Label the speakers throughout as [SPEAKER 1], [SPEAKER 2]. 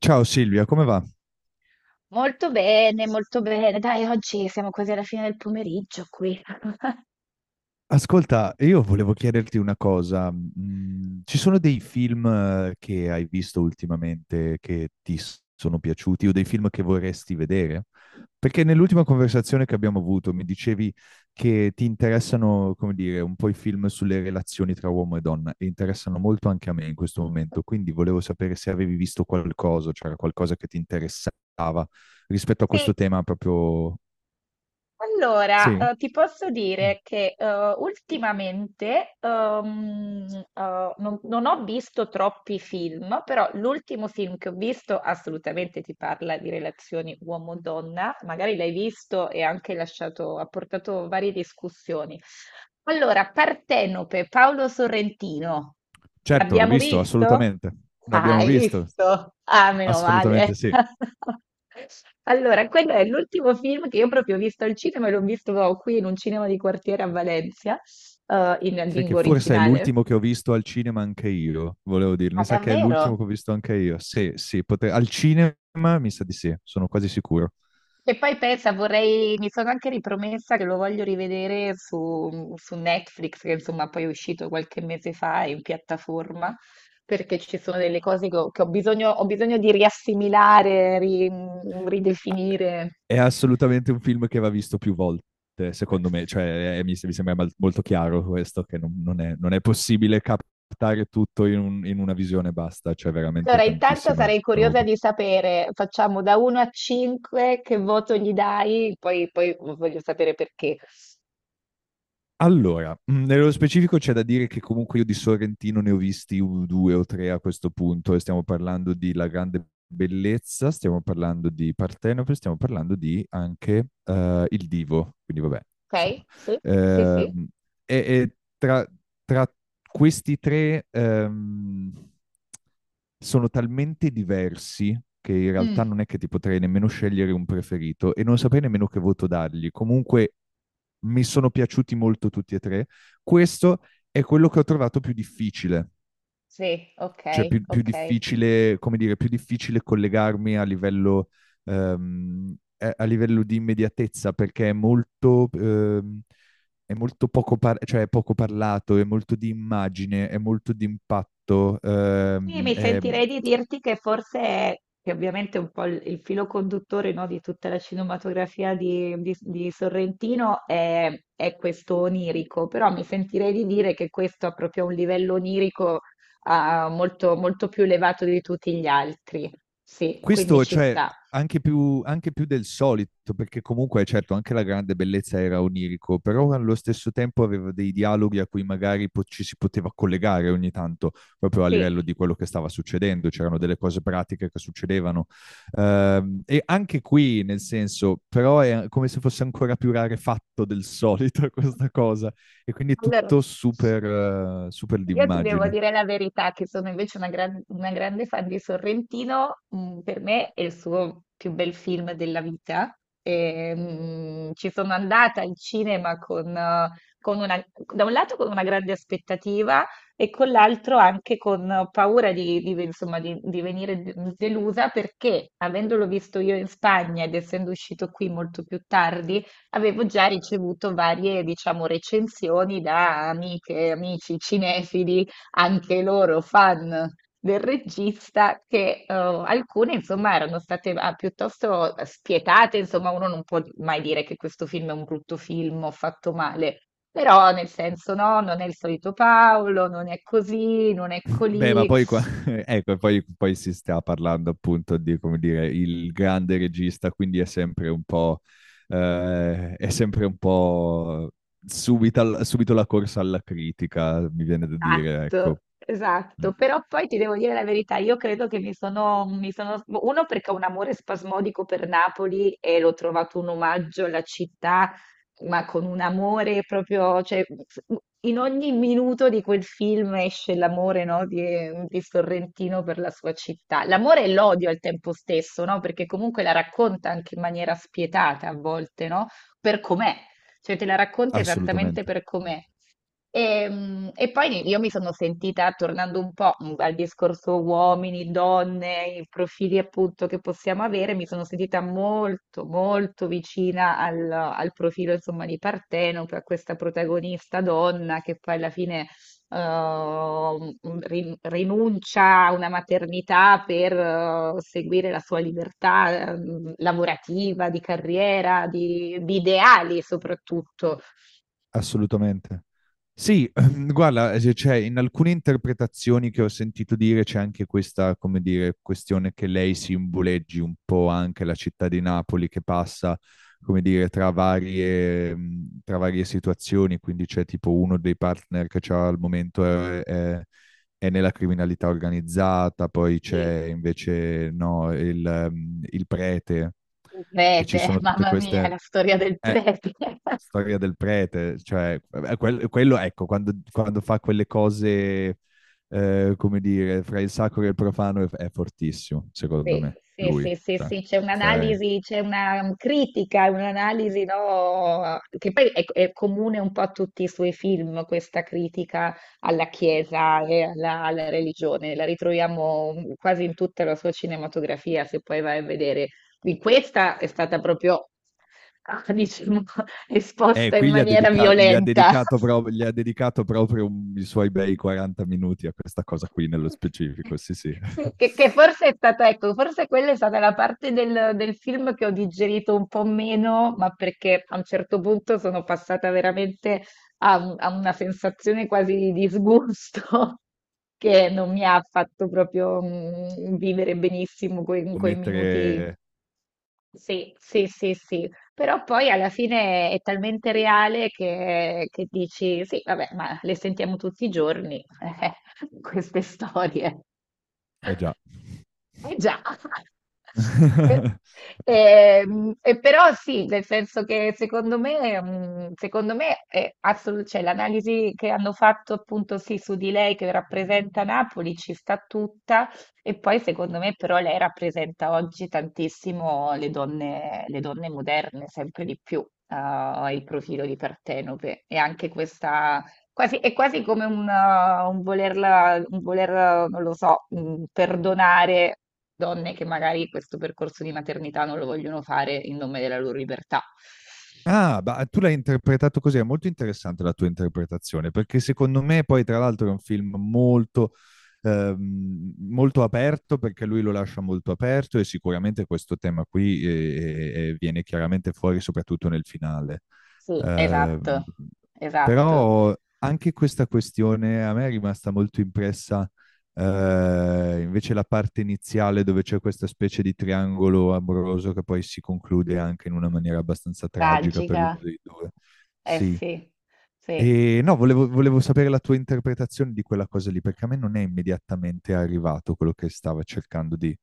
[SPEAKER 1] Ciao Silvia, come va?
[SPEAKER 2] Molto bene, molto bene. Dai, oggi siamo quasi alla fine del pomeriggio qui.
[SPEAKER 1] Ascolta, io volevo chiederti una cosa. Ci sono dei film che hai visto ultimamente che sono piaciuti o dei film che vorresti vedere? Perché nell'ultima conversazione che abbiamo avuto mi dicevi che ti interessano, come dire, un po' i film sulle relazioni tra uomo e donna e interessano molto anche a me in questo momento, quindi volevo sapere se avevi visto qualcosa, c'era qualcosa che ti interessava rispetto a
[SPEAKER 2] Sì,
[SPEAKER 1] questo tema proprio.
[SPEAKER 2] allora
[SPEAKER 1] Sì?
[SPEAKER 2] ti posso dire che ultimamente non ho visto troppi film, però l'ultimo film che ho visto assolutamente ti parla di relazioni uomo-donna, magari l'hai visto e anche lasciato, ha portato varie discussioni. Allora, Partenope, Paolo Sorrentino,
[SPEAKER 1] Certo, l'ho
[SPEAKER 2] l'abbiamo
[SPEAKER 1] visto,
[SPEAKER 2] visto?
[SPEAKER 1] assolutamente.
[SPEAKER 2] Ah,
[SPEAKER 1] L'abbiamo
[SPEAKER 2] hai
[SPEAKER 1] visto,
[SPEAKER 2] visto? Ah, meno male.
[SPEAKER 1] assolutamente sì.
[SPEAKER 2] Allora, quello è l'ultimo film che io proprio ho visto al cinema e l'ho visto qui in un cinema di quartiere a Valencia, in
[SPEAKER 1] Sai che
[SPEAKER 2] lingua
[SPEAKER 1] forse è
[SPEAKER 2] originale.
[SPEAKER 1] l'ultimo che ho visto al cinema anche io, volevo dire.
[SPEAKER 2] Ah,
[SPEAKER 1] Mi sa che è
[SPEAKER 2] davvero?
[SPEAKER 1] l'ultimo che ho visto anche io. Sì, sì, al cinema mi sa di sì, sono quasi sicuro.
[SPEAKER 2] E poi pensa, vorrei, mi sono anche ripromessa che lo voglio rivedere su Netflix, che insomma poi è uscito qualche mese fa in piattaforma, perché ci sono delle cose che ho bisogno di riassimilare,
[SPEAKER 1] Ah,
[SPEAKER 2] ridefinire.
[SPEAKER 1] è assolutamente un film che va visto più volte, secondo me. Cioè, mi sembra molto chiaro questo, che non è, non è possibile captare tutto in una visione basta. C'è veramente
[SPEAKER 2] Allora, intanto
[SPEAKER 1] tantissima
[SPEAKER 2] sarei curiosa
[SPEAKER 1] roba.
[SPEAKER 2] di sapere, facciamo da 1 a 5, che voto gli dai? Poi, poi voglio sapere perché.
[SPEAKER 1] Allora, nello specifico c'è da dire che comunque io di Sorrentino ne ho visti due o tre a questo punto e stiamo parlando di La Grande Bellezza, stiamo parlando di Partenope, stiamo parlando di anche Il Divo, quindi vabbè, insomma.
[SPEAKER 2] Ok? Sì? Sì, sì.
[SPEAKER 1] Ehm, e tra, tra questi tre, sono talmente diversi che in
[SPEAKER 2] Mm,
[SPEAKER 1] realtà non è che ti potrei nemmeno scegliere un preferito e non saprei nemmeno che voto dargli. Comunque mi sono piaciuti molto tutti e tre. Questo è quello che ho trovato più difficile,
[SPEAKER 2] sì,
[SPEAKER 1] cioè
[SPEAKER 2] ok,
[SPEAKER 1] più
[SPEAKER 2] ok.
[SPEAKER 1] difficile, come dire, più difficile collegarmi a livello di immediatezza perché è molto è molto poco, cioè è poco parlato, è molto di immagine, è molto di impatto,
[SPEAKER 2] Sì, mi sentirei di dirti che forse è, che ovviamente è un po' il filo conduttore, no, di tutta la cinematografia di Sorrentino è questo onirico, però mi sentirei di dire che questo ha proprio un livello onirico, molto, molto più elevato di tutti gli altri. Sì, quindi
[SPEAKER 1] questo,
[SPEAKER 2] ci
[SPEAKER 1] cioè,
[SPEAKER 2] sta.
[SPEAKER 1] anche più del solito, perché comunque, certo, anche la grande bellezza era onirico, però allo stesso tempo aveva dei dialoghi a cui magari ci si poteva collegare ogni tanto, proprio a livello
[SPEAKER 2] Sì.
[SPEAKER 1] di quello che stava succedendo, c'erano delle cose pratiche che succedevano. E anche qui, nel senso, però è come se fosse ancora più rarefatto del solito questa cosa, e quindi è
[SPEAKER 2] Allora,
[SPEAKER 1] tutto super, super
[SPEAKER 2] io ti devo
[SPEAKER 1] d'immagine.
[SPEAKER 2] dire la verità, che sono invece una, una grande fan di Sorrentino, mm, per me è il suo più bel film della vita. E, mm, ci sono andata al cinema con una, da un lato con una grande aspettativa e con l'altro anche con paura insomma, di venire delusa perché avendolo visto io in Spagna ed essendo uscito qui molto più tardi, avevo già ricevuto varie, diciamo, recensioni da amiche, amici cinefili, anche loro fan del regista, che alcune, insomma, erano state piuttosto spietate, insomma, uno non può mai dire che questo film è un brutto film o fatto male, però nel senso no, non è il solito Paolo, non è così, non è
[SPEAKER 1] Beh, ma
[SPEAKER 2] colì.
[SPEAKER 1] poi qua, ecco, poi si sta parlando appunto di, come dire, il grande regista, quindi è sempre un po', eh, è sempre un po' subito la corsa alla critica, mi viene da dire, ecco.
[SPEAKER 2] Esatto,
[SPEAKER 1] Mm,
[SPEAKER 2] esatto, però poi ti devo dire la verità, io credo che uno perché ho un amore spasmodico per Napoli e l'ho trovato un omaggio alla città, ma con un amore proprio, cioè, in ogni minuto di quel film esce l'amore, no, di Sorrentino per la sua città, l'amore e l'odio al tempo stesso, no, perché comunque la racconta anche in maniera spietata a volte, no, per com'è, cioè te la racconta esattamente
[SPEAKER 1] assolutamente.
[SPEAKER 2] per com'è. E, mm, e poi io mi sono sentita, tornando un po' mm, al discorso uomini, donne, i profili appunto che possiamo avere, mi sono sentita molto, molto vicina al profilo insomma di Partenope, a questa protagonista donna che poi alla fine rinuncia a una maternità per seguire la sua libertà lavorativa, di carriera, di ideali soprattutto.
[SPEAKER 1] Assolutamente. Sì, guarda, cioè, in alcune interpretazioni che ho sentito dire c'è anche questa, come dire, questione che lei simboleggi un po' anche la città di Napoli che passa, come dire, tra varie situazioni, quindi c'è tipo uno dei partner che c'ha al momento è nella criminalità organizzata, poi c'è invece no, il prete
[SPEAKER 2] Il
[SPEAKER 1] e ci
[SPEAKER 2] prete,
[SPEAKER 1] sono tutte
[SPEAKER 2] mamma mia,
[SPEAKER 1] queste
[SPEAKER 2] la storia del
[SPEAKER 1] eh,
[SPEAKER 2] prete.
[SPEAKER 1] storia del prete, cioè, quello, ecco, quando fa quelle cose, come dire, fra il sacro e il profano è fortissimo, secondo
[SPEAKER 2] Sì,
[SPEAKER 1] me,
[SPEAKER 2] sì,
[SPEAKER 1] lui.
[SPEAKER 2] sì, sì,
[SPEAKER 1] Cioè,
[SPEAKER 2] sì, c'è
[SPEAKER 1] stai.
[SPEAKER 2] un'analisi, c'è una critica, un'analisi, no, che poi è comune un po' a tutti i suoi film, questa critica alla Chiesa e alla, alla religione, la ritroviamo mm, quasi in tutta la sua cinematografia, se poi vai a vedere. In questa è stata proprio, diciamo, esposta in
[SPEAKER 1] Qui
[SPEAKER 2] maniera violenta.
[SPEAKER 1] gli ha dedicato proprio i suoi bei 40 minuti a questa cosa qui nello specifico, sì, sì.
[SPEAKER 2] Sì, che forse è stata, ecco, forse quella è stata la parte del film che ho digerito un po' meno, ma perché a un certo punto sono passata veramente a una sensazione quasi di disgusto che non mi ha fatto proprio mm, vivere benissimo
[SPEAKER 1] Può
[SPEAKER 2] quei minuti
[SPEAKER 1] mettere.
[SPEAKER 2] sì, sì, sì, sì, però poi alla fine è talmente reale che dici, sì, vabbè, ma le sentiamo tutti i giorni, eh, queste storie.
[SPEAKER 1] Eh già.
[SPEAKER 2] Eh già, Per- e però sì, nel senso che secondo me, mm, secondo me è cioè, l'analisi che hanno fatto appunto sì su di lei che rappresenta Napoli ci sta tutta e poi secondo me però lei rappresenta oggi tantissimo le donne moderne, sempre di più, il profilo di Partenope e anche questa... Quasi, è quasi come un volerla, non lo so, mm, perdonare donne che magari questo percorso di maternità non lo vogliono fare in nome della loro libertà.
[SPEAKER 1] Ah, ma tu l'hai interpretato così, è molto interessante la tua interpretazione, perché secondo me poi tra l'altro è un film molto, molto aperto, perché lui lo lascia molto aperto e sicuramente questo tema qui viene chiaramente fuori soprattutto nel finale.
[SPEAKER 2] Sì,
[SPEAKER 1] Ehm,
[SPEAKER 2] esatto, esatto.
[SPEAKER 1] però anche questa questione a me è rimasta molto impressa invece la parte iniziale dove c'è questa specie di triangolo amoroso che poi si conclude anche in una maniera abbastanza tragica per uno
[SPEAKER 2] Tragica,
[SPEAKER 1] dei due.
[SPEAKER 2] eh
[SPEAKER 1] Sì.
[SPEAKER 2] sì, sì.
[SPEAKER 1] E no, volevo sapere la tua interpretazione di quella cosa lì, perché a me non è immediatamente arrivato quello che stava cercando di.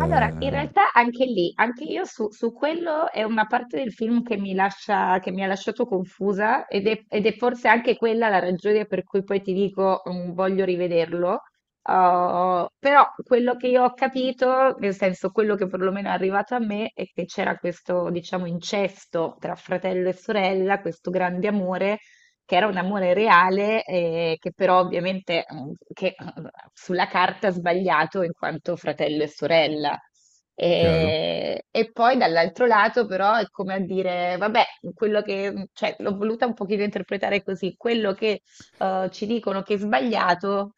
[SPEAKER 2] Allora, in realtà anche lì, anche io su quello è una parte del film che mi ha lasciato confusa ed è forse anche quella la ragione per cui poi ti dico mm, voglio rivederlo. Però quello che io ho capito, nel senso quello che perlomeno è arrivato a me, è che c'era questo, diciamo, incesto tra fratello e sorella, questo grande amore che era un amore reale, che però ovviamente sulla carta ha sbagliato in quanto fratello e sorella.
[SPEAKER 1] Chiaro?
[SPEAKER 2] E poi dall'altro lato, però, è come a dire: vabbè, quello che, mm, cioè, l'ho voluta un pochino interpretare così, quello che ci dicono che è sbagliato,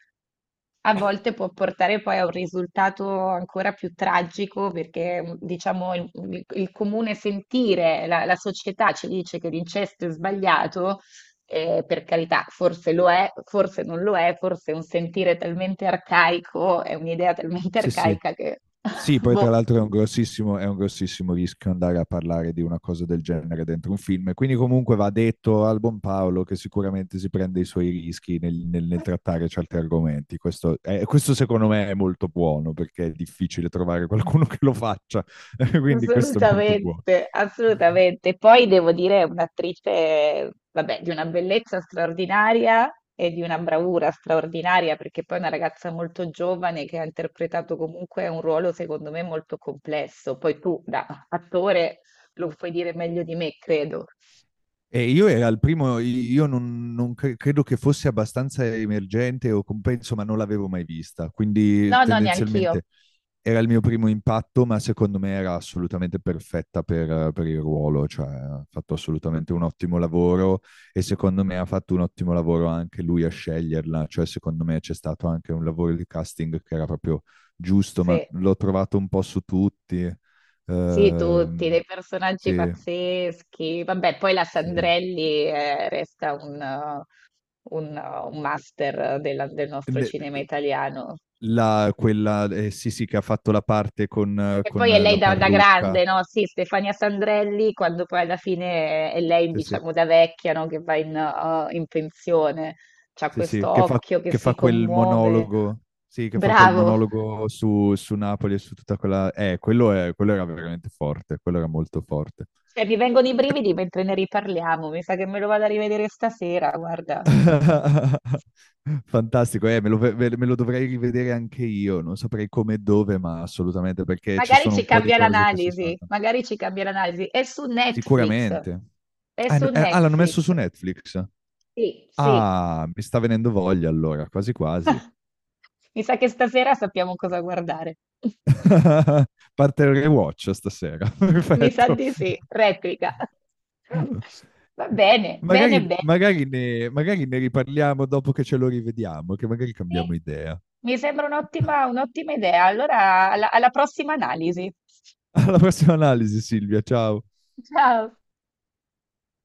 [SPEAKER 2] a volte può portare poi a un risultato ancora più tragico, perché diciamo il comune sentire, la società ci dice che l'incesto è sbagliato, per carità, forse lo è, forse non lo è, forse è un sentire talmente arcaico, è un'idea talmente
[SPEAKER 1] Sì, sì,
[SPEAKER 2] arcaica che,
[SPEAKER 1] sì, poi tra
[SPEAKER 2] boh,
[SPEAKER 1] l'altro è un grossissimo rischio andare a parlare di una cosa del genere dentro un film, quindi comunque va detto al buon Paolo che sicuramente si prende i suoi rischi nel trattare certi argomenti. Questo, questo secondo me è molto buono perché è difficile trovare qualcuno che lo faccia, quindi questo è molto buono.
[SPEAKER 2] assolutamente, assolutamente. Poi devo dire, è un'attrice, vabbè, di una bellezza straordinaria e di una bravura straordinaria, perché poi è una ragazza molto giovane che ha interpretato comunque un ruolo, secondo me, molto complesso. Poi tu, da attore, lo puoi dire meglio di me, credo.
[SPEAKER 1] E io era il primo, io non credo che fosse abbastanza emergente o compenso, ma non l'avevo mai vista, quindi
[SPEAKER 2] No, no, neanch'io.
[SPEAKER 1] tendenzialmente. Era il mio primo impatto, ma secondo me era assolutamente perfetta per il ruolo, cioè ha fatto assolutamente un ottimo lavoro e secondo me ha fatto un ottimo lavoro anche lui a sceglierla, cioè secondo me c'è stato anche un lavoro di casting che era proprio giusto, ma
[SPEAKER 2] Sì.
[SPEAKER 1] l'ho trovato un po' su tutti.
[SPEAKER 2] Sì, tutti,
[SPEAKER 1] Ehm,
[SPEAKER 2] dei personaggi
[SPEAKER 1] sì,
[SPEAKER 2] pazzeschi. Vabbè, poi la
[SPEAKER 1] sì.
[SPEAKER 2] Sandrelli resta un master del nostro
[SPEAKER 1] Ne-
[SPEAKER 2] cinema italiano.
[SPEAKER 1] la, quella, sì, sì, che ha fatto la parte
[SPEAKER 2] E
[SPEAKER 1] con
[SPEAKER 2] poi è lei
[SPEAKER 1] la
[SPEAKER 2] da
[SPEAKER 1] parrucca.
[SPEAKER 2] grande, no? Sì, Stefania Sandrelli, quando poi alla fine è lei,
[SPEAKER 1] Sì, sì.
[SPEAKER 2] diciamo, da vecchia, no? Che va in pensione. C'ha
[SPEAKER 1] Sì, sì,
[SPEAKER 2] questo
[SPEAKER 1] che
[SPEAKER 2] occhio che
[SPEAKER 1] che
[SPEAKER 2] si
[SPEAKER 1] fa quel
[SPEAKER 2] commuove.
[SPEAKER 1] monologo, sì, che fa quel
[SPEAKER 2] Bravo!
[SPEAKER 1] monologo su, su Napoli e su tutta quella. Quello, quello era veramente forte, quello era molto forte.
[SPEAKER 2] Cioè, mi vengono i brividi mentre ne riparliamo. Mi sa che me lo vado a rivedere stasera, guarda.
[SPEAKER 1] Fantastico, me lo dovrei rivedere anche io, non saprei come e dove, ma assolutamente, perché ci
[SPEAKER 2] Magari
[SPEAKER 1] sono
[SPEAKER 2] ci
[SPEAKER 1] un po' di
[SPEAKER 2] cambia
[SPEAKER 1] cose che si
[SPEAKER 2] l'analisi,
[SPEAKER 1] saltano.
[SPEAKER 2] magari ci cambia l'analisi. È su Netflix.
[SPEAKER 1] Sicuramente.
[SPEAKER 2] È su
[SPEAKER 1] Ah, l'hanno messo
[SPEAKER 2] Netflix.
[SPEAKER 1] su Netflix.
[SPEAKER 2] Sì, sì.
[SPEAKER 1] Ah, mi sta venendo voglia allora, quasi quasi.
[SPEAKER 2] Mi sa che stasera sappiamo cosa guardare.
[SPEAKER 1] Parte il rewatch stasera,
[SPEAKER 2] Mi sa
[SPEAKER 1] perfetto.
[SPEAKER 2] di sì, replica. Va bene,
[SPEAKER 1] Magari,
[SPEAKER 2] bene, bene.
[SPEAKER 1] magari ne riparliamo dopo che ce lo rivediamo, che magari
[SPEAKER 2] Sì,
[SPEAKER 1] cambiamo idea.
[SPEAKER 2] mi sembra un'ottima idea. Allora, alla prossima analisi.
[SPEAKER 1] Alla prossima analisi, Silvia, ciao.
[SPEAKER 2] Ciao.